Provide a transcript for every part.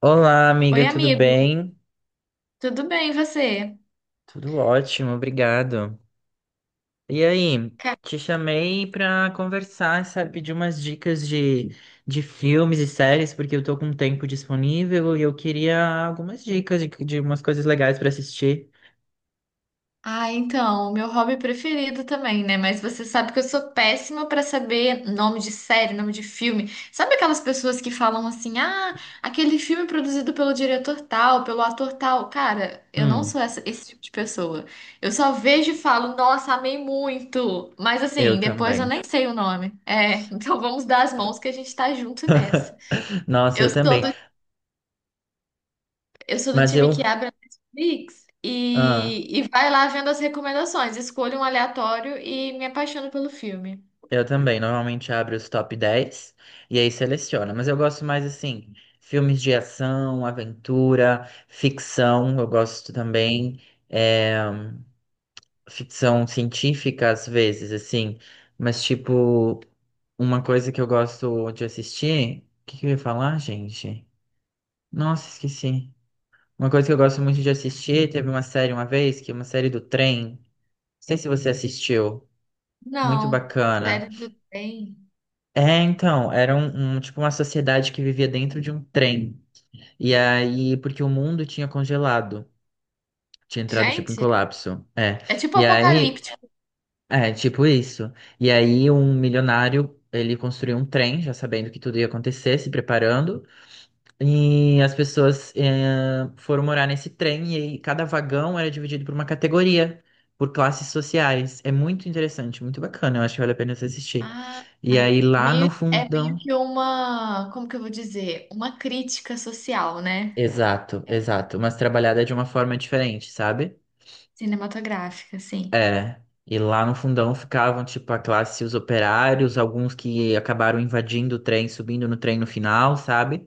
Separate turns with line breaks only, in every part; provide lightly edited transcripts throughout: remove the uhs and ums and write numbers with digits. Olá, amiga,
Oi,
tudo
amigo,
bem?
tudo bem e você?
Tudo ótimo, obrigado. E aí,
Ca-
te chamei para conversar, sabe, pedir umas dicas de, filmes e séries, porque eu tô com um tempo disponível e eu queria algumas dicas de, umas coisas legais para assistir.
Ah, então, meu hobby preferido também, né? Mas você sabe que eu sou péssima pra saber nome de série, nome de filme. Sabe aquelas pessoas que falam assim: "Ah, aquele filme produzido pelo diretor tal, pelo ator tal". Cara, eu não
Hum,
sou esse tipo de pessoa. Eu só vejo e falo: "Nossa, amei muito". Mas
eu
assim, depois eu
também.
nem sei o nome. É, então vamos dar as mãos que a gente tá junto nessa.
Nossa, eu
Eu sou
também.
do Eu sou do
Mas
time
eu.
que abre a Netflix
ah,
e vai lá vendo as recomendações. Escolho um aleatório e me apaixono pelo filme.
Eu também, normalmente abro os top 10 e aí seleciono. Mas eu gosto mais assim, filmes de ação, aventura, ficção, eu gosto também, é, ficção científica às vezes, assim, mas tipo, uma coisa que eu gosto de assistir. O que que eu ia falar, gente? Nossa, esqueci. Uma coisa que eu gosto muito de assistir, teve uma série uma vez, que é uma série do trem. Não sei se você assistiu. Muito
Não,
bacana.
série do trem.
É, então, era tipo uma sociedade que vivia dentro de um trem. E aí, porque o mundo tinha congelado, tinha entrado tipo em
Gente,
colapso. É.
é tipo
E aí,
apocalíptico.
é, tipo isso. E aí um milionário, ele construiu um trem, já sabendo que tudo ia acontecer, se preparando, e as pessoas foram morar nesse trem e aí cada vagão era dividido por uma categoria, por classes sociais. É muito interessante, muito bacana, eu acho que vale a pena você assistir.
Ah,
E aí lá no
meio, é
fundão.
meio que uma, como que eu vou dizer? Uma crítica social, né?
Exato, exato. Mas trabalhada de uma forma diferente, sabe?
Cinematográfica, assim.
É. E lá no fundão ficavam, tipo, a classe, os operários, alguns que acabaram invadindo o trem, subindo no trem no final, sabe?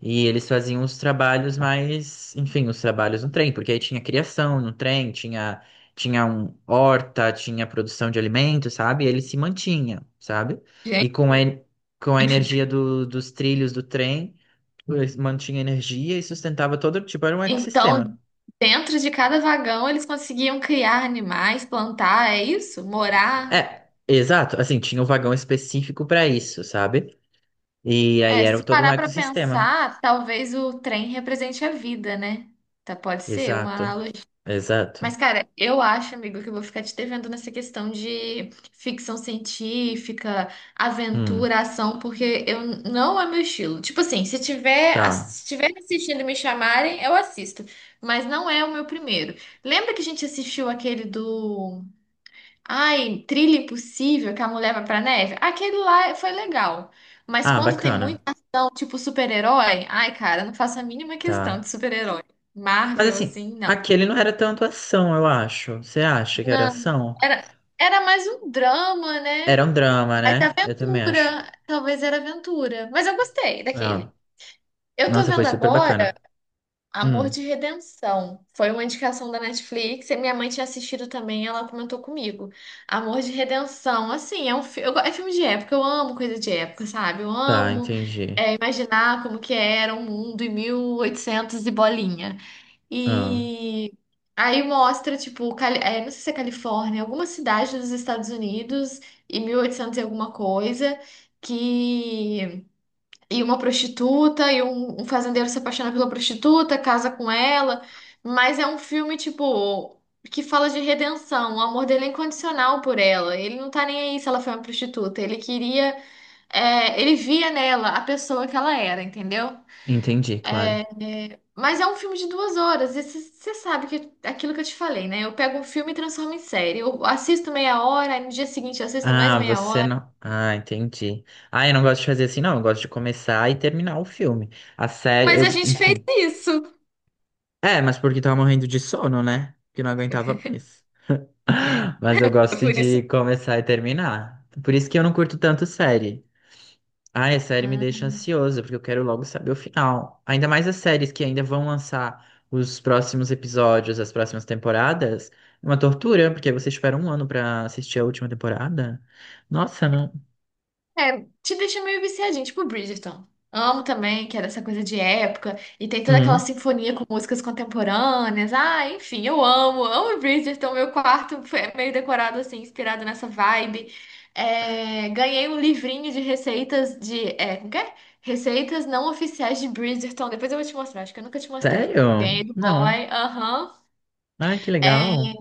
E eles faziam os trabalhos mais, enfim, os trabalhos no trem, porque aí tinha criação no trem, tinha um horta, tinha produção de alimentos, sabe? E ele se mantinha, sabe?
Gente,
E com a energia dos trilhos do trem, eles mantinha energia e sustentava todo, tipo, era um
então,
ecossistema.
dentro de cada vagão eles conseguiam criar animais, plantar, é isso? Morar.
É, exato. Assim, tinha um vagão específico para isso, sabe? E aí
É,
era
se
todo um
parar pra
ecossistema.
pensar, talvez o trem represente a vida, né? Tá, pode ser uma
Exato,
analogia.
exato.
Mas, cara, eu acho, amigo, que eu vou ficar te devendo nessa questão de ficção científica,
Hum,
aventura, ação, porque eu não é meu estilo. Tipo assim,
tá.
se tiver assistindo e me chamarem, eu assisto. Mas não é o meu primeiro. Lembra que a gente assistiu aquele do Ai, Trilha Impossível, que a mulher vai pra neve. Aquele lá foi legal. Mas
Ah,
quando tem
bacana.
muita ação, tipo super-herói, ai, cara, não faço a mínima questão de
Tá.
super-herói.
Mas
Marvel,
assim,
assim, não.
aquele não era tanto ação, eu acho. Você acha que era
Não.
ação?
Era, era mais um drama, né?
Era um drama,
Mas
né? Eu também acho.
aventura. Talvez era aventura. Mas eu gostei
Ah,
daquele. Eu tô
nossa, foi
vendo
super
agora.
bacana.
Amor
Hum,
de Redenção. Foi uma indicação da Netflix e minha mãe tinha assistido também, ela comentou comigo. Amor de Redenção, assim, é filme de época, eu amo coisa de época, sabe? Eu
tá,
amo
entendi.
imaginar como que era o mundo em 1800 e oitocentos e bolinha.
Ah,
E aí mostra, tipo, não sei se é Califórnia, alguma cidade dos Estados Unidos em 1800 e oitocentos e alguma coisa, que e uma prostituta, e um fazendeiro se apaixona pela prostituta, casa com ela, mas é um filme, tipo, que fala de redenção, o amor dele é incondicional por ela. Ele não tá nem aí se ela foi uma prostituta, ele queria, ele via nela a pessoa que ela era, entendeu?
entendi, claro.
Mas é um filme de duas horas, e você sabe que é aquilo que eu te falei, né? Eu pego um filme e transformo em série. Eu assisto meia hora, aí no dia seguinte eu assisto mais
Ah,
meia
você
hora.
não. Ah, entendi. Ah, eu não gosto de fazer assim, não. Eu gosto de começar e terminar o filme. A série,
Mas a
eu,
gente fez
enfim.
isso.
É, mas porque tava morrendo de sono, né? Que não aguentava mais. Mas eu gosto
Por isso
de começar e terminar. Por isso que eu não curto tanto série. Ah, a série me deixa ansioso, porque eu quero logo saber o final. Ainda mais as séries que ainda vão lançar os próximos episódios, as próximas temporadas. É uma tortura, porque você espera um ano pra assistir a última temporada. Nossa, não.
É, te deixa meio viciadinho, tipo Bridgerton. Amo também, que é dessa coisa de época, e tem toda aquela
Hum.
sinfonia com músicas contemporâneas. Ah, enfim, eu amo, amo Bridgerton. Meu quarto foi é meio decorado assim, inspirado nessa vibe. É, ganhei um livrinho de receitas de. É, como que é? Receitas não oficiais de Bridgerton. Depois eu vou te mostrar, acho que eu nunca te mostrei. Ganhei
Sério?
do
Não.
boy, aham.
Ai, que
É,
legal.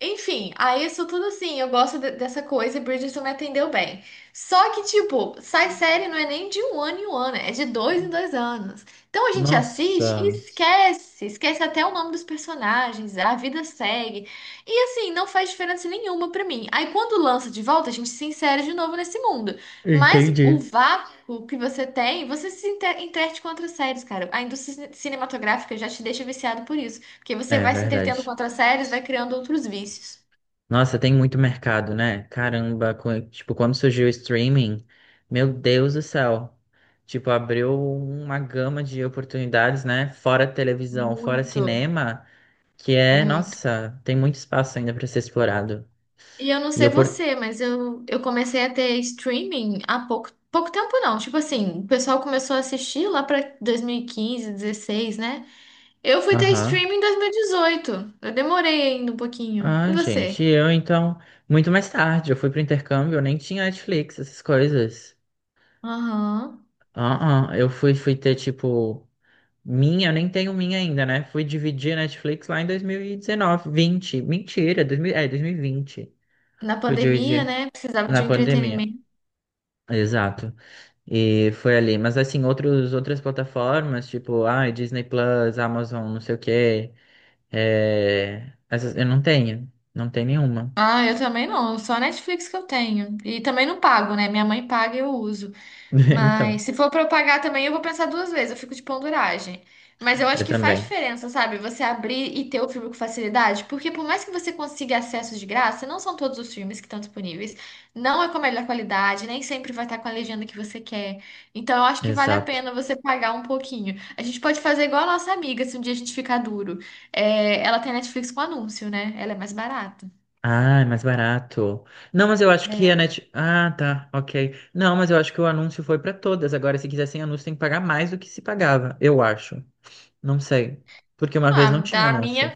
enfim, aí isso tudo assim, eu gosto dessa coisa e Bridgerton me atendeu bem. Só que, tipo, sai série não é nem de um ano em um ano, é de dois em dois anos. Então a gente assiste e
Nossa,
esquece, esquece até o nome dos personagens, a vida segue. E assim, não faz diferença nenhuma pra mim. Aí quando lança de volta, a gente se insere de novo nesse mundo. Mas o
entendi.
vácuo que você tem, você se entrete com outras séries, cara. A indústria cinematográfica já te deixa viciado por isso. Porque você
É
vai se entretendo com
verdade.
outras séries, vai criando outros vícios.
Nossa, tem muito mercado, né? Caramba, tipo, quando surgiu o streaming, meu Deus do céu. Tipo, abriu uma gama de oportunidades, né? Fora televisão, fora
Muito,
cinema, que é,
muito.
nossa, tem muito espaço ainda para ser explorado.
E eu não
E
sei
eu por...
você, mas eu comecei a ter streaming há pouco, pouco tempo não. Tipo assim, o pessoal começou a assistir lá pra 2015, 16, né? Eu fui ter
Aham.
streaming em 2018. Eu demorei ainda um pouquinho. E
Ah, gente,
você?
eu então, muito mais tarde, eu fui pro intercâmbio, eu nem tinha Netflix, essas coisas.
Aham.
Eu fui, tipo, minha, eu nem tenho minha ainda, né? Fui dividir a Netflix lá em 2019, 20 Mentira, 2020.
Na
Fui
pandemia,
dividir
né? Precisava
na
de um
pandemia.
entretenimento.
Exato. E foi ali. Mas, assim, outras plataformas, tipo, ah, Disney Plus, Amazon, não sei o quê. É, essas, eu não tenho. Não tenho nenhuma.
Ah, eu também não. Só a Netflix que eu tenho. E também não pago, né? Minha mãe paga e eu uso.
Então,
Mas se for pra eu pagar também, eu vou pensar duas vezes, eu fico de penduragem. Mas eu acho
eu
que faz
também.
diferença, sabe? Você abrir e ter o filme com facilidade, porque por mais que você consiga acesso de graça, não são todos os filmes que estão disponíveis, não é com a melhor qualidade, nem sempre vai estar com a legenda que você quer. Então eu acho que vale a
Exato.
pena você pagar um pouquinho. A gente pode fazer igual a nossa amiga, se um dia a gente ficar duro. É, ela tem Netflix com anúncio, né? Ela é mais barata.
Ah, é mais barato. Não, mas eu acho que
É.
a Net... Ah, tá, ok. Não, mas eu acho que o anúncio foi pra todas. Agora, se quiser sem anúncio, tem que pagar mais do que se pagava, eu acho. Não sei. Porque uma vez
Ah,
não tinha
da
anúncio.
minha.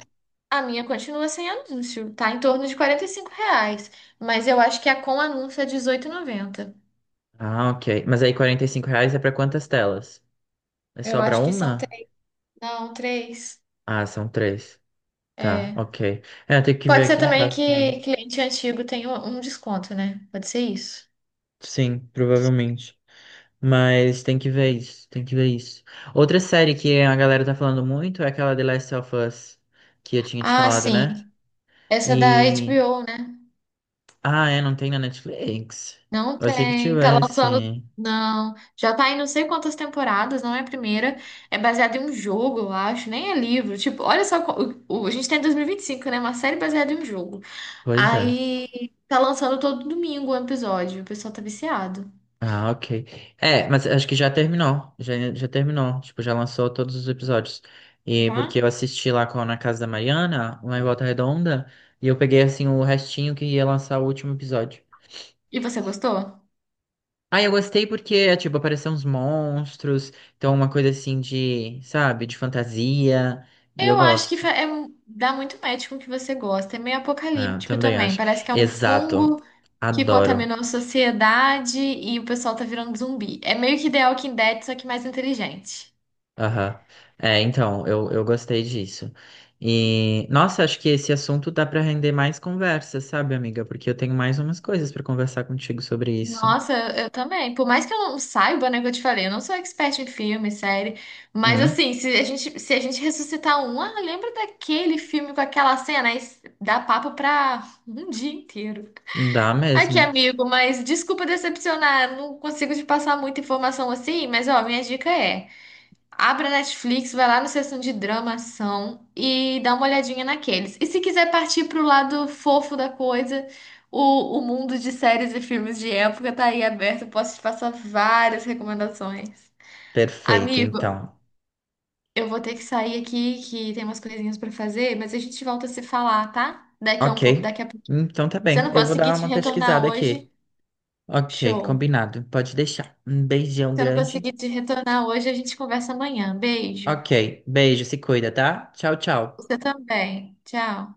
A minha continua sem anúncio, tá em torno de 45 reais, mas eu acho que a com anúncio é dezoito e noventa.
Ah, ok. Mas aí R$ 45 é pra quantas telas? É
Eu
só pra
acho que são
uma?
três, não, três.
Ah, são 3. Tá,
É.
ok. É, tem que
Pode
ver
ser
aqui em
também
casa também.
que cliente antigo tenha um desconto, né? Pode ser isso.
Sim, provavelmente. Mas tem que ver isso, tem que ver isso. Outra série que a galera tá falando muito é aquela The Last of Us, que eu tinha te
Ah,
falado, né?
sim. Essa é da
E.
HBO, né?
Ah, é, não tem na Netflix.
Não
Eu achei que
tem, tá lançando.
tivesse.
Não, já tá em não sei quantas temporadas, não é a primeira. É baseado em um jogo, eu acho, nem é livro. Tipo, olha só, co- o- a gente tem dois mil e vinte e cinco, né? Uma série baseada em um jogo.
Pois é.
Aí tá lançando todo domingo um episódio, o pessoal tá viciado.
Ah, ok. É, mas acho que já terminou. Já terminou. Tipo, já lançou todos os episódios. E porque
Já?
eu assisti lá com, na casa da Mariana, lá em Volta Redonda, e eu peguei assim o restinho que ia lançar o último episódio.
E você gostou?
Ah, eu gostei porque, é, tipo, apareceram uns monstros, então uma coisa assim de, sabe, de fantasia. E eu
Eu acho que
gosto.
dá muito match com o que você gosta. É meio
É, eu
apocalíptico
também
também.
acho.
Parece que é um
Exato.
fungo que
Adoro.
contaminou a sociedade e o pessoal tá virando zumbi. É meio que The Walking Dead, só que mais inteligente.
Aham. É, então, eu gostei disso. E, nossa, acho que esse assunto dá para render mais conversa, sabe, amiga? Porque eu tenho mais umas coisas para conversar contigo sobre isso.
Nossa, eu também. Por mais que eu não saiba, né, que eu te falei, eu não sou expert em filme, série. Mas
Hum,
assim, se a gente ressuscitar um, ah, lembra daquele filme com aquela cena? Aí dá papo pra um dia inteiro.
dá
Aqui,
mesmo.
amigo, mas desculpa decepcionar, não consigo te passar muita informação assim, mas ó, minha dica é: abre a Netflix, vai lá na seção de drama, ação e dá uma olhadinha naqueles. E se quiser partir pro lado fofo da coisa, o mundo de séries e filmes de época tá aí aberto, posso te passar várias recomendações.
Perfeito,
Amigo,
então.
eu vou ter que sair aqui que tem umas coisinhas pra fazer, mas a gente volta a se falar, tá? Daqui a
Ok.
pouco.
Então tá
Se eu
bem.
não
Eu vou
conseguir
dar
te
uma
retornar
pesquisada aqui.
hoje,
Ok,
show.
combinado. Pode deixar. Um beijão
Se eu não
grande.
conseguir te retornar hoje, a gente conversa amanhã. Beijo.
Ok, beijo, se cuida, tá? Tchau, tchau.
Você também. Tchau.